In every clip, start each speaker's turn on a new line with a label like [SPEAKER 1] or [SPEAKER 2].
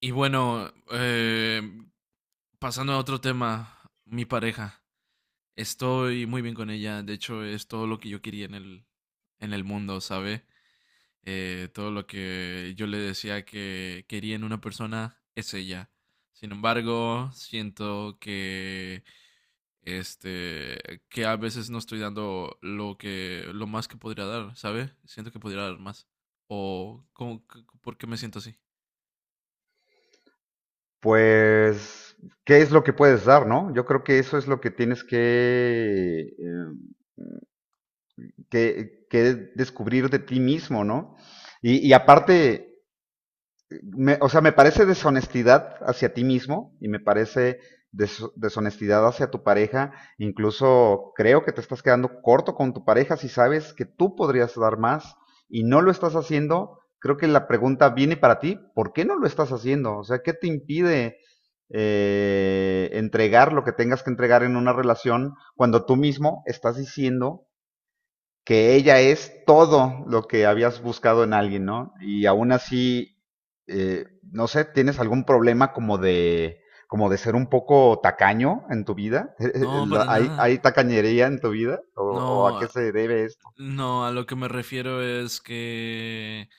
[SPEAKER 1] Y bueno, pasando a otro tema, mi pareja. Estoy muy bien con ella. De hecho, es todo lo que yo quería en el mundo, ¿sabe? Todo lo que yo le decía que quería en una persona es ella. Sin embargo, siento que este que a veces no estoy dando lo más que podría dar, ¿sabe? Siento que podría dar más. O ¿por qué me siento así?
[SPEAKER 2] Pues, ¿qué es lo que puedes dar, no? Yo creo que eso es lo que tienes que, que descubrir de ti mismo, ¿no? Y aparte, o sea, me parece deshonestidad hacia ti mismo y me parece deshonestidad hacia tu pareja. Incluso creo que te estás quedando corto con tu pareja si sabes que tú podrías dar más y no lo estás haciendo. Creo que la pregunta viene para ti. ¿Por qué no lo estás haciendo? O sea, ¿qué te impide, entregar lo que tengas que entregar en una relación cuando tú mismo estás diciendo que ella es todo lo que habías buscado en alguien, ¿no? Y aún así, eh, no sé, ¿tienes algún problema como de ser un poco tacaño en tu vida?
[SPEAKER 1] No, para
[SPEAKER 2] ¿Hay
[SPEAKER 1] nada.
[SPEAKER 2] tacañería en tu vida? O a qué
[SPEAKER 1] No,
[SPEAKER 2] se debe?
[SPEAKER 1] No, a lo que me refiero es que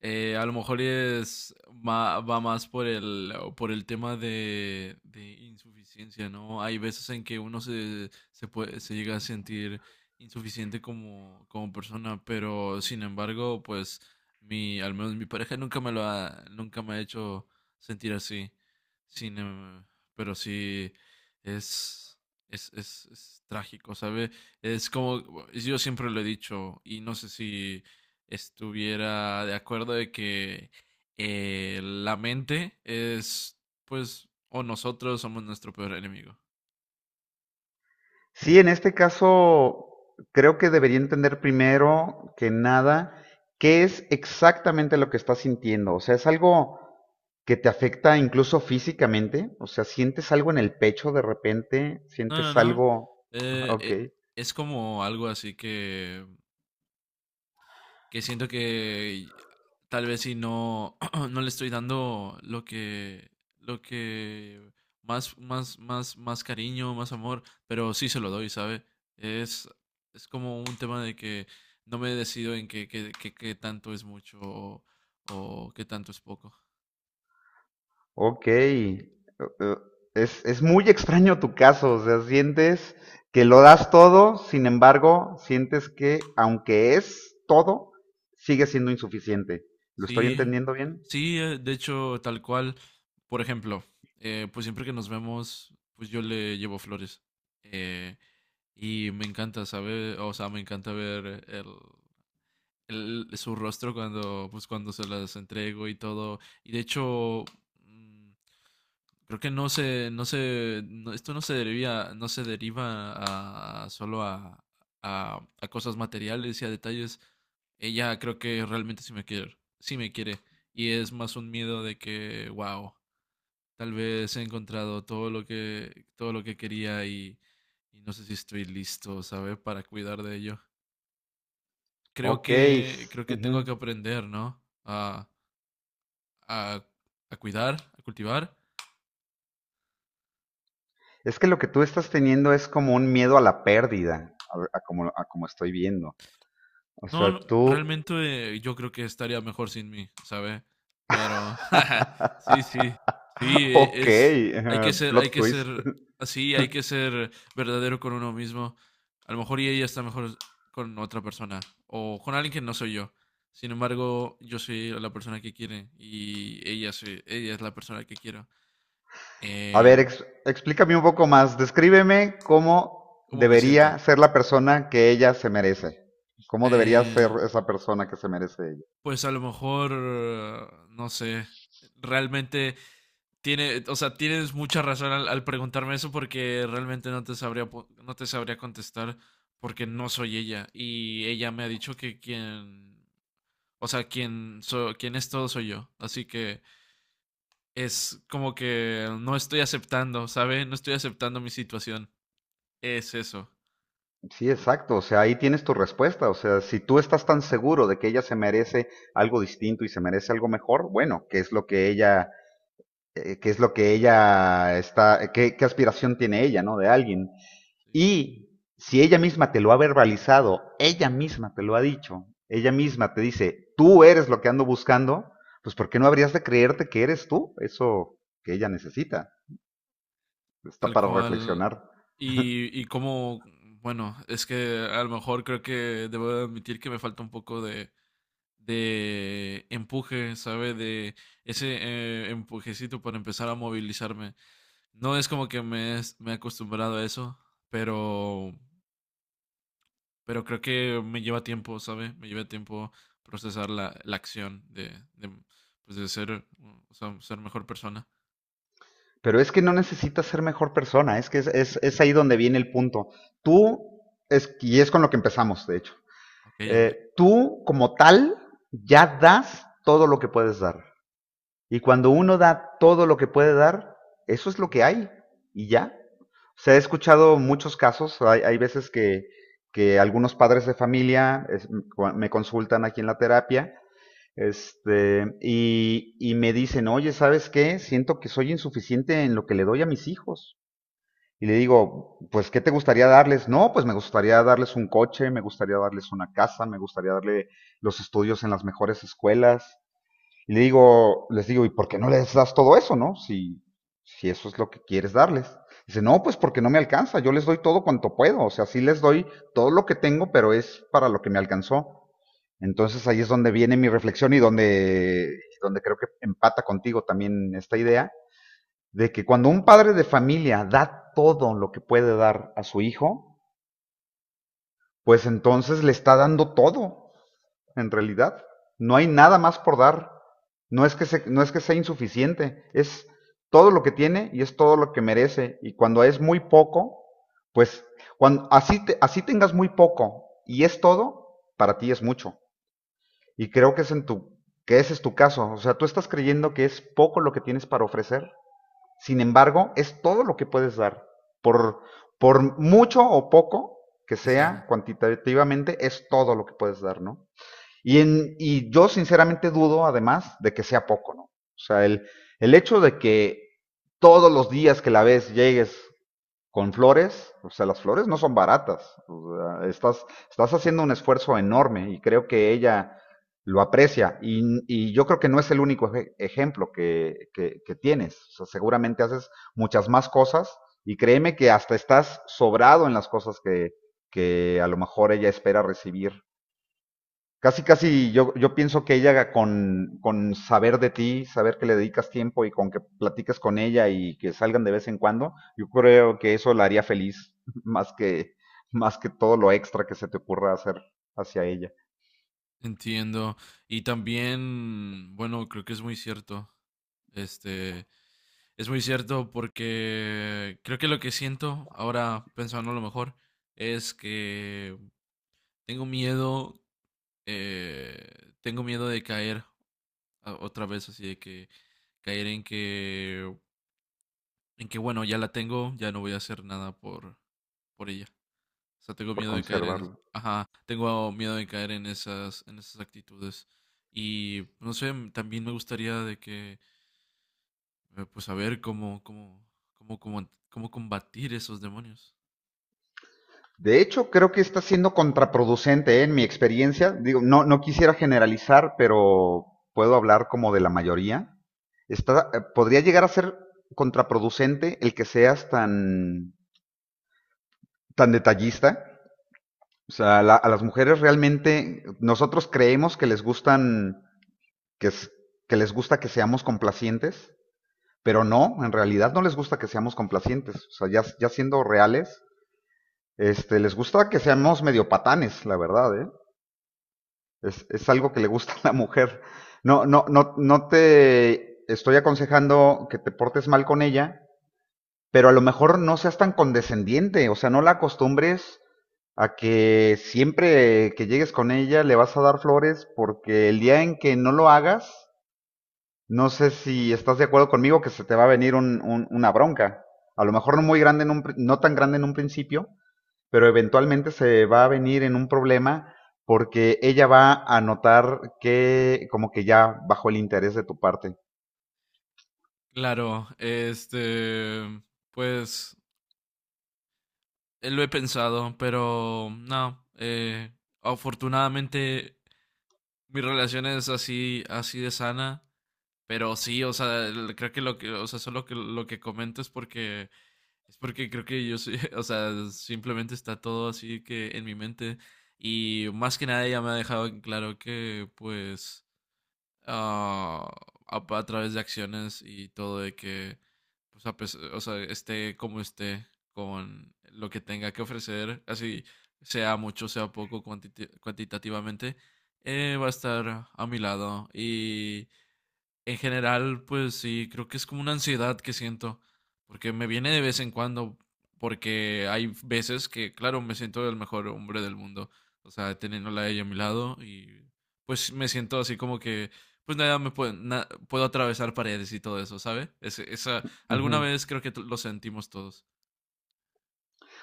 [SPEAKER 1] a lo mejor va más por el tema de insuficiencia, ¿no? Hay veces en que se puede, se llega a sentir insuficiente como persona, pero sin embargo, pues al menos mi pareja nunca me ha hecho sentir así. Sin, em- Pero sí es, es trágico, ¿sabe? Es como, yo siempre lo he dicho, y no sé si estuviera de acuerdo de que la mente es, pues, o nosotros somos nuestro peor enemigo.
[SPEAKER 2] Sí, en este caso creo que debería entender primero que nada qué es exactamente lo que estás sintiendo. O sea, es algo que te afecta incluso físicamente. O sea, sientes algo en el pecho de repente,
[SPEAKER 1] No, no,
[SPEAKER 2] sientes
[SPEAKER 1] no.
[SPEAKER 2] algo…
[SPEAKER 1] Eh,
[SPEAKER 2] Ok,
[SPEAKER 1] eh, es como algo así que siento que tal vez si no, no le estoy dando lo que más, más cariño, más amor, pero sí se lo doy, ¿sabe? Es, es como un tema de que no me decido en qué tanto es mucho o qué tanto es poco.
[SPEAKER 2] ok. Eh, es muy extraño tu caso. O sea, sientes que lo das todo, sin embargo, sientes que aunque es todo, sigue siendo insuficiente. ¿Lo estoy
[SPEAKER 1] Sí,
[SPEAKER 2] entendiendo bien?
[SPEAKER 1] sí, de hecho, tal cual, por ejemplo, pues siempre que nos vemos, pues yo le llevo flores. Eh, Y me encanta saber, o sea, me encanta ver su rostro cuando, pues, cuando se las entrego y todo. Y de hecho, mm, creo que no se, no se, no- esto no se deriva, a cosas materiales y a detalles. Ella creo que realmente sí me quiere, sí me quiere. Y es más un miedo de que, wow. Tal vez he encontrado todo lo que quería y no sé si estoy listo, ¿sabes? Para cuidar de ello.
[SPEAKER 2] Ok.
[SPEAKER 1] Creo que
[SPEAKER 2] Ujú.
[SPEAKER 1] tengo que aprender, ¿no? A, a cuidar, a cultivar.
[SPEAKER 2] Es que lo que tú estás teniendo es como un miedo a la pérdida, a como estoy viendo. O
[SPEAKER 1] No,
[SPEAKER 2] sea,
[SPEAKER 1] no,
[SPEAKER 2] tú…
[SPEAKER 1] realmente yo creo que estaría mejor sin mí, ¿sabe? Pero sí, sí, sí,
[SPEAKER 2] Ok,
[SPEAKER 1] es, hay
[SPEAKER 2] plot
[SPEAKER 1] que
[SPEAKER 2] twist.
[SPEAKER 1] ser así, hay que ser verdadero con uno mismo. A lo mejor y ella está mejor con otra persona o con alguien que no soy yo. Sin embargo, yo soy la persona que quiere y ella, ella es la persona que quiero.
[SPEAKER 2] A
[SPEAKER 1] Eh,
[SPEAKER 2] ver, explícame un poco más. Descríbeme cómo
[SPEAKER 1] ¿Cómo me siento?
[SPEAKER 2] debería ser la persona que ella se merece. ¿Cómo debería
[SPEAKER 1] Eh,
[SPEAKER 2] ser esa persona que se merece ella?
[SPEAKER 1] pues a lo mejor, no sé, realmente... O sea, tienes mucha razón al preguntarme eso porque realmente no te sabría, no te sabría contestar porque no soy ella y ella me ha dicho que quien, o sea, quien es todo soy yo. Así que es como que no estoy aceptando, ¿sabe? No estoy aceptando mi situación. Es eso.
[SPEAKER 2] Sí, exacto. O sea, ahí tienes tu respuesta. O sea, si tú estás tan seguro de que ella se merece algo distinto y se merece algo mejor, bueno, ¿qué es lo que ella, qué es lo que ella está, qué, qué aspiración tiene ella, ¿no? De alguien.
[SPEAKER 1] Sí.
[SPEAKER 2] Y si ella misma te lo ha verbalizado, ella misma te lo ha dicho, ella misma te dice, tú eres lo que ando buscando, pues ¿por qué no habrías de creerte que eres tú? Eso que ella necesita, está
[SPEAKER 1] Tal
[SPEAKER 2] para
[SPEAKER 1] cual.
[SPEAKER 2] reflexionar.
[SPEAKER 1] Y como, bueno, es que a lo mejor creo que debo admitir que me falta un poco de empuje, ¿sabe? De ese empujecito para empezar a movilizarme. No es como que me he acostumbrado a eso, pero, pero creo que me lleva tiempo, ¿sabe? Me lleva tiempo procesar la acción pues de ser, o sea, ser mejor persona.
[SPEAKER 2] Pero es que no necesitas ser mejor persona, es que es ahí donde viene el punto. Tú, es, y es con lo que empezamos, de hecho,
[SPEAKER 1] Ok, a ver.
[SPEAKER 2] tú como tal ya das todo lo que puedes dar. Y cuando uno da todo lo que puede dar, eso es lo que hay y ya. O sea, he escuchado muchos casos, hay veces que algunos padres de familia me consultan aquí en la terapia, este, y me dicen, oye, ¿sabes qué? Siento que soy insuficiente en lo que le doy a mis hijos. Y le digo, pues, ¿qué te gustaría darles? No, pues me gustaría darles un coche, me gustaría darles una casa, me gustaría darle los estudios en las mejores escuelas, y le digo, les digo, ¿y por qué no les das todo eso, no? Si, si eso es lo que quieres darles. Dice, no, pues porque no me alcanza, yo les doy todo cuanto puedo, o sea, sí les doy todo lo que tengo, pero es para lo que me alcanzó. Entonces ahí es donde viene mi reflexión y donde, donde creo que empata contigo también esta idea, de que cuando un padre de familia da todo lo que puede dar a su hijo, pues entonces le está dando todo, en realidad. No hay nada más por dar. No es que, no es que sea insuficiente, es todo lo que tiene y es todo lo que merece. Y cuando es muy poco, pues cuando así, así tengas muy poco y es todo, para ti es mucho. Y creo que, que ese es tu caso. O sea, tú estás creyendo que es poco lo que tienes para ofrecer. Sin embargo, es todo lo que puedes dar. Por, por mucho o poco que
[SPEAKER 1] Que
[SPEAKER 2] sea,
[SPEAKER 1] sea.
[SPEAKER 2] cuantitativamente es todo lo que puedes dar, ¿no? Y yo sinceramente dudo, además, de que sea poco, ¿no? O sea, el hecho de que todos los días que la ves llegues con flores, o sea, las flores no son baratas. O sea, estás haciendo un esfuerzo enorme y creo que ella lo aprecia. Y yo creo que no es el único ejemplo que, que tienes. O sea, seguramente haces muchas más cosas y créeme que hasta estás sobrado en las cosas que a lo mejor ella espera recibir. Casi, casi yo, yo pienso que ella con saber de ti, saber que le dedicas tiempo y con que platiques con ella y que salgan de vez en cuando, yo creo que eso la haría feliz, más que, más que todo lo extra que se te ocurra hacer hacia ella
[SPEAKER 1] Entiendo. Y también, bueno, creo que es muy cierto. Este, Es muy cierto porque creo que lo que siento ahora, pensando a lo mejor, es que tengo miedo, tengo miedo de caer otra vez, así de que caer en que bueno, ya la tengo, ya no voy a hacer nada por ella. O sea, tengo
[SPEAKER 2] por
[SPEAKER 1] miedo de caer en,
[SPEAKER 2] conservarlo.
[SPEAKER 1] ajá, tengo miedo de caer en esas actitudes. Y no sé, también me gustaría de que, pues, saber cómo combatir esos demonios.
[SPEAKER 2] De hecho, creo que está siendo contraproducente, ¿eh? En mi experiencia. Digo, no, no quisiera generalizar, pero puedo hablar como de la mayoría. Está, podría llegar a ser contraproducente el que seas tan, tan detallista. O sea, a las mujeres realmente nosotros creemos que les gustan que, que les gusta que seamos complacientes, pero no, en realidad no les gusta que seamos complacientes. O sea, ya, ya siendo reales, este, les gusta que seamos medio patanes, la verdad, ¿eh? Es algo que le gusta a la mujer. No, no, no, no te estoy aconsejando que te portes mal con ella, pero a lo mejor no seas tan condescendiente, o sea, no la acostumbres a que siempre que llegues con ella le vas a dar flores porque el día en que no lo hagas, no sé si estás de acuerdo conmigo que se te va a venir una bronca. A lo mejor no muy grande, en un no tan grande en un principio, pero eventualmente se va a venir en un problema porque ella va a notar que como que ya bajó el interés de tu parte.
[SPEAKER 1] Claro, este, pues lo he pensado, pero no, afortunadamente mi relación es así, así de sana, pero sí, o sea, creo que lo que, o sea, solo que lo que comento es porque creo que yo soy, o sea, simplemente está todo así que en mi mente y más que nada ella me ha dejado en claro que, pues, ah, a través de acciones y todo de que, pues, o sea, esté como esté con lo que tenga que ofrecer, así sea mucho, sea poco cuantitativamente, va a estar a mi lado y en general, pues sí, creo que es como una ansiedad que siento, porque me viene de vez en cuando, porque hay veces que, claro, me siento el mejor hombre del mundo, o sea, teniéndola a ella a mi lado y pues me siento así como que, pues nada, puedo atravesar paredes y todo eso, ¿sabe? Es, esa, alguna
[SPEAKER 2] Ujú.
[SPEAKER 1] vez creo que lo sentimos todos,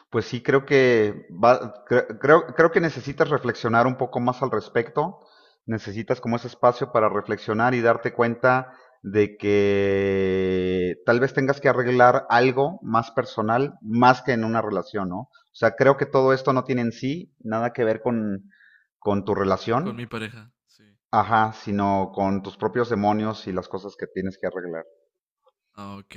[SPEAKER 2] Pues sí creo que va, creo, creo que necesitas reflexionar un poco más al respecto. Necesitas como ese espacio para reflexionar y darte cuenta de que tal vez tengas que arreglar algo más personal, más que en una relación, ¿no? O sea, creo que todo esto no tiene en sí nada que ver con tu
[SPEAKER 1] con
[SPEAKER 2] relación,
[SPEAKER 1] mi pareja, sí.
[SPEAKER 2] ajá, sino con tus propios demonios y las cosas que tienes que arreglar.
[SPEAKER 1] Ah, ok.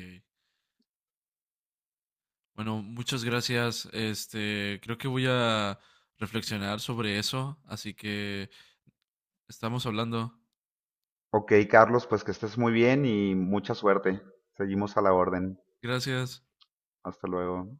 [SPEAKER 1] Bueno, muchas gracias, este, creo que voy a reflexionar sobre eso, así que estamos hablando.
[SPEAKER 2] Ok, Carlos, pues que estés muy bien y mucha suerte. Seguimos a la orden.
[SPEAKER 1] Gracias.
[SPEAKER 2] Hasta luego.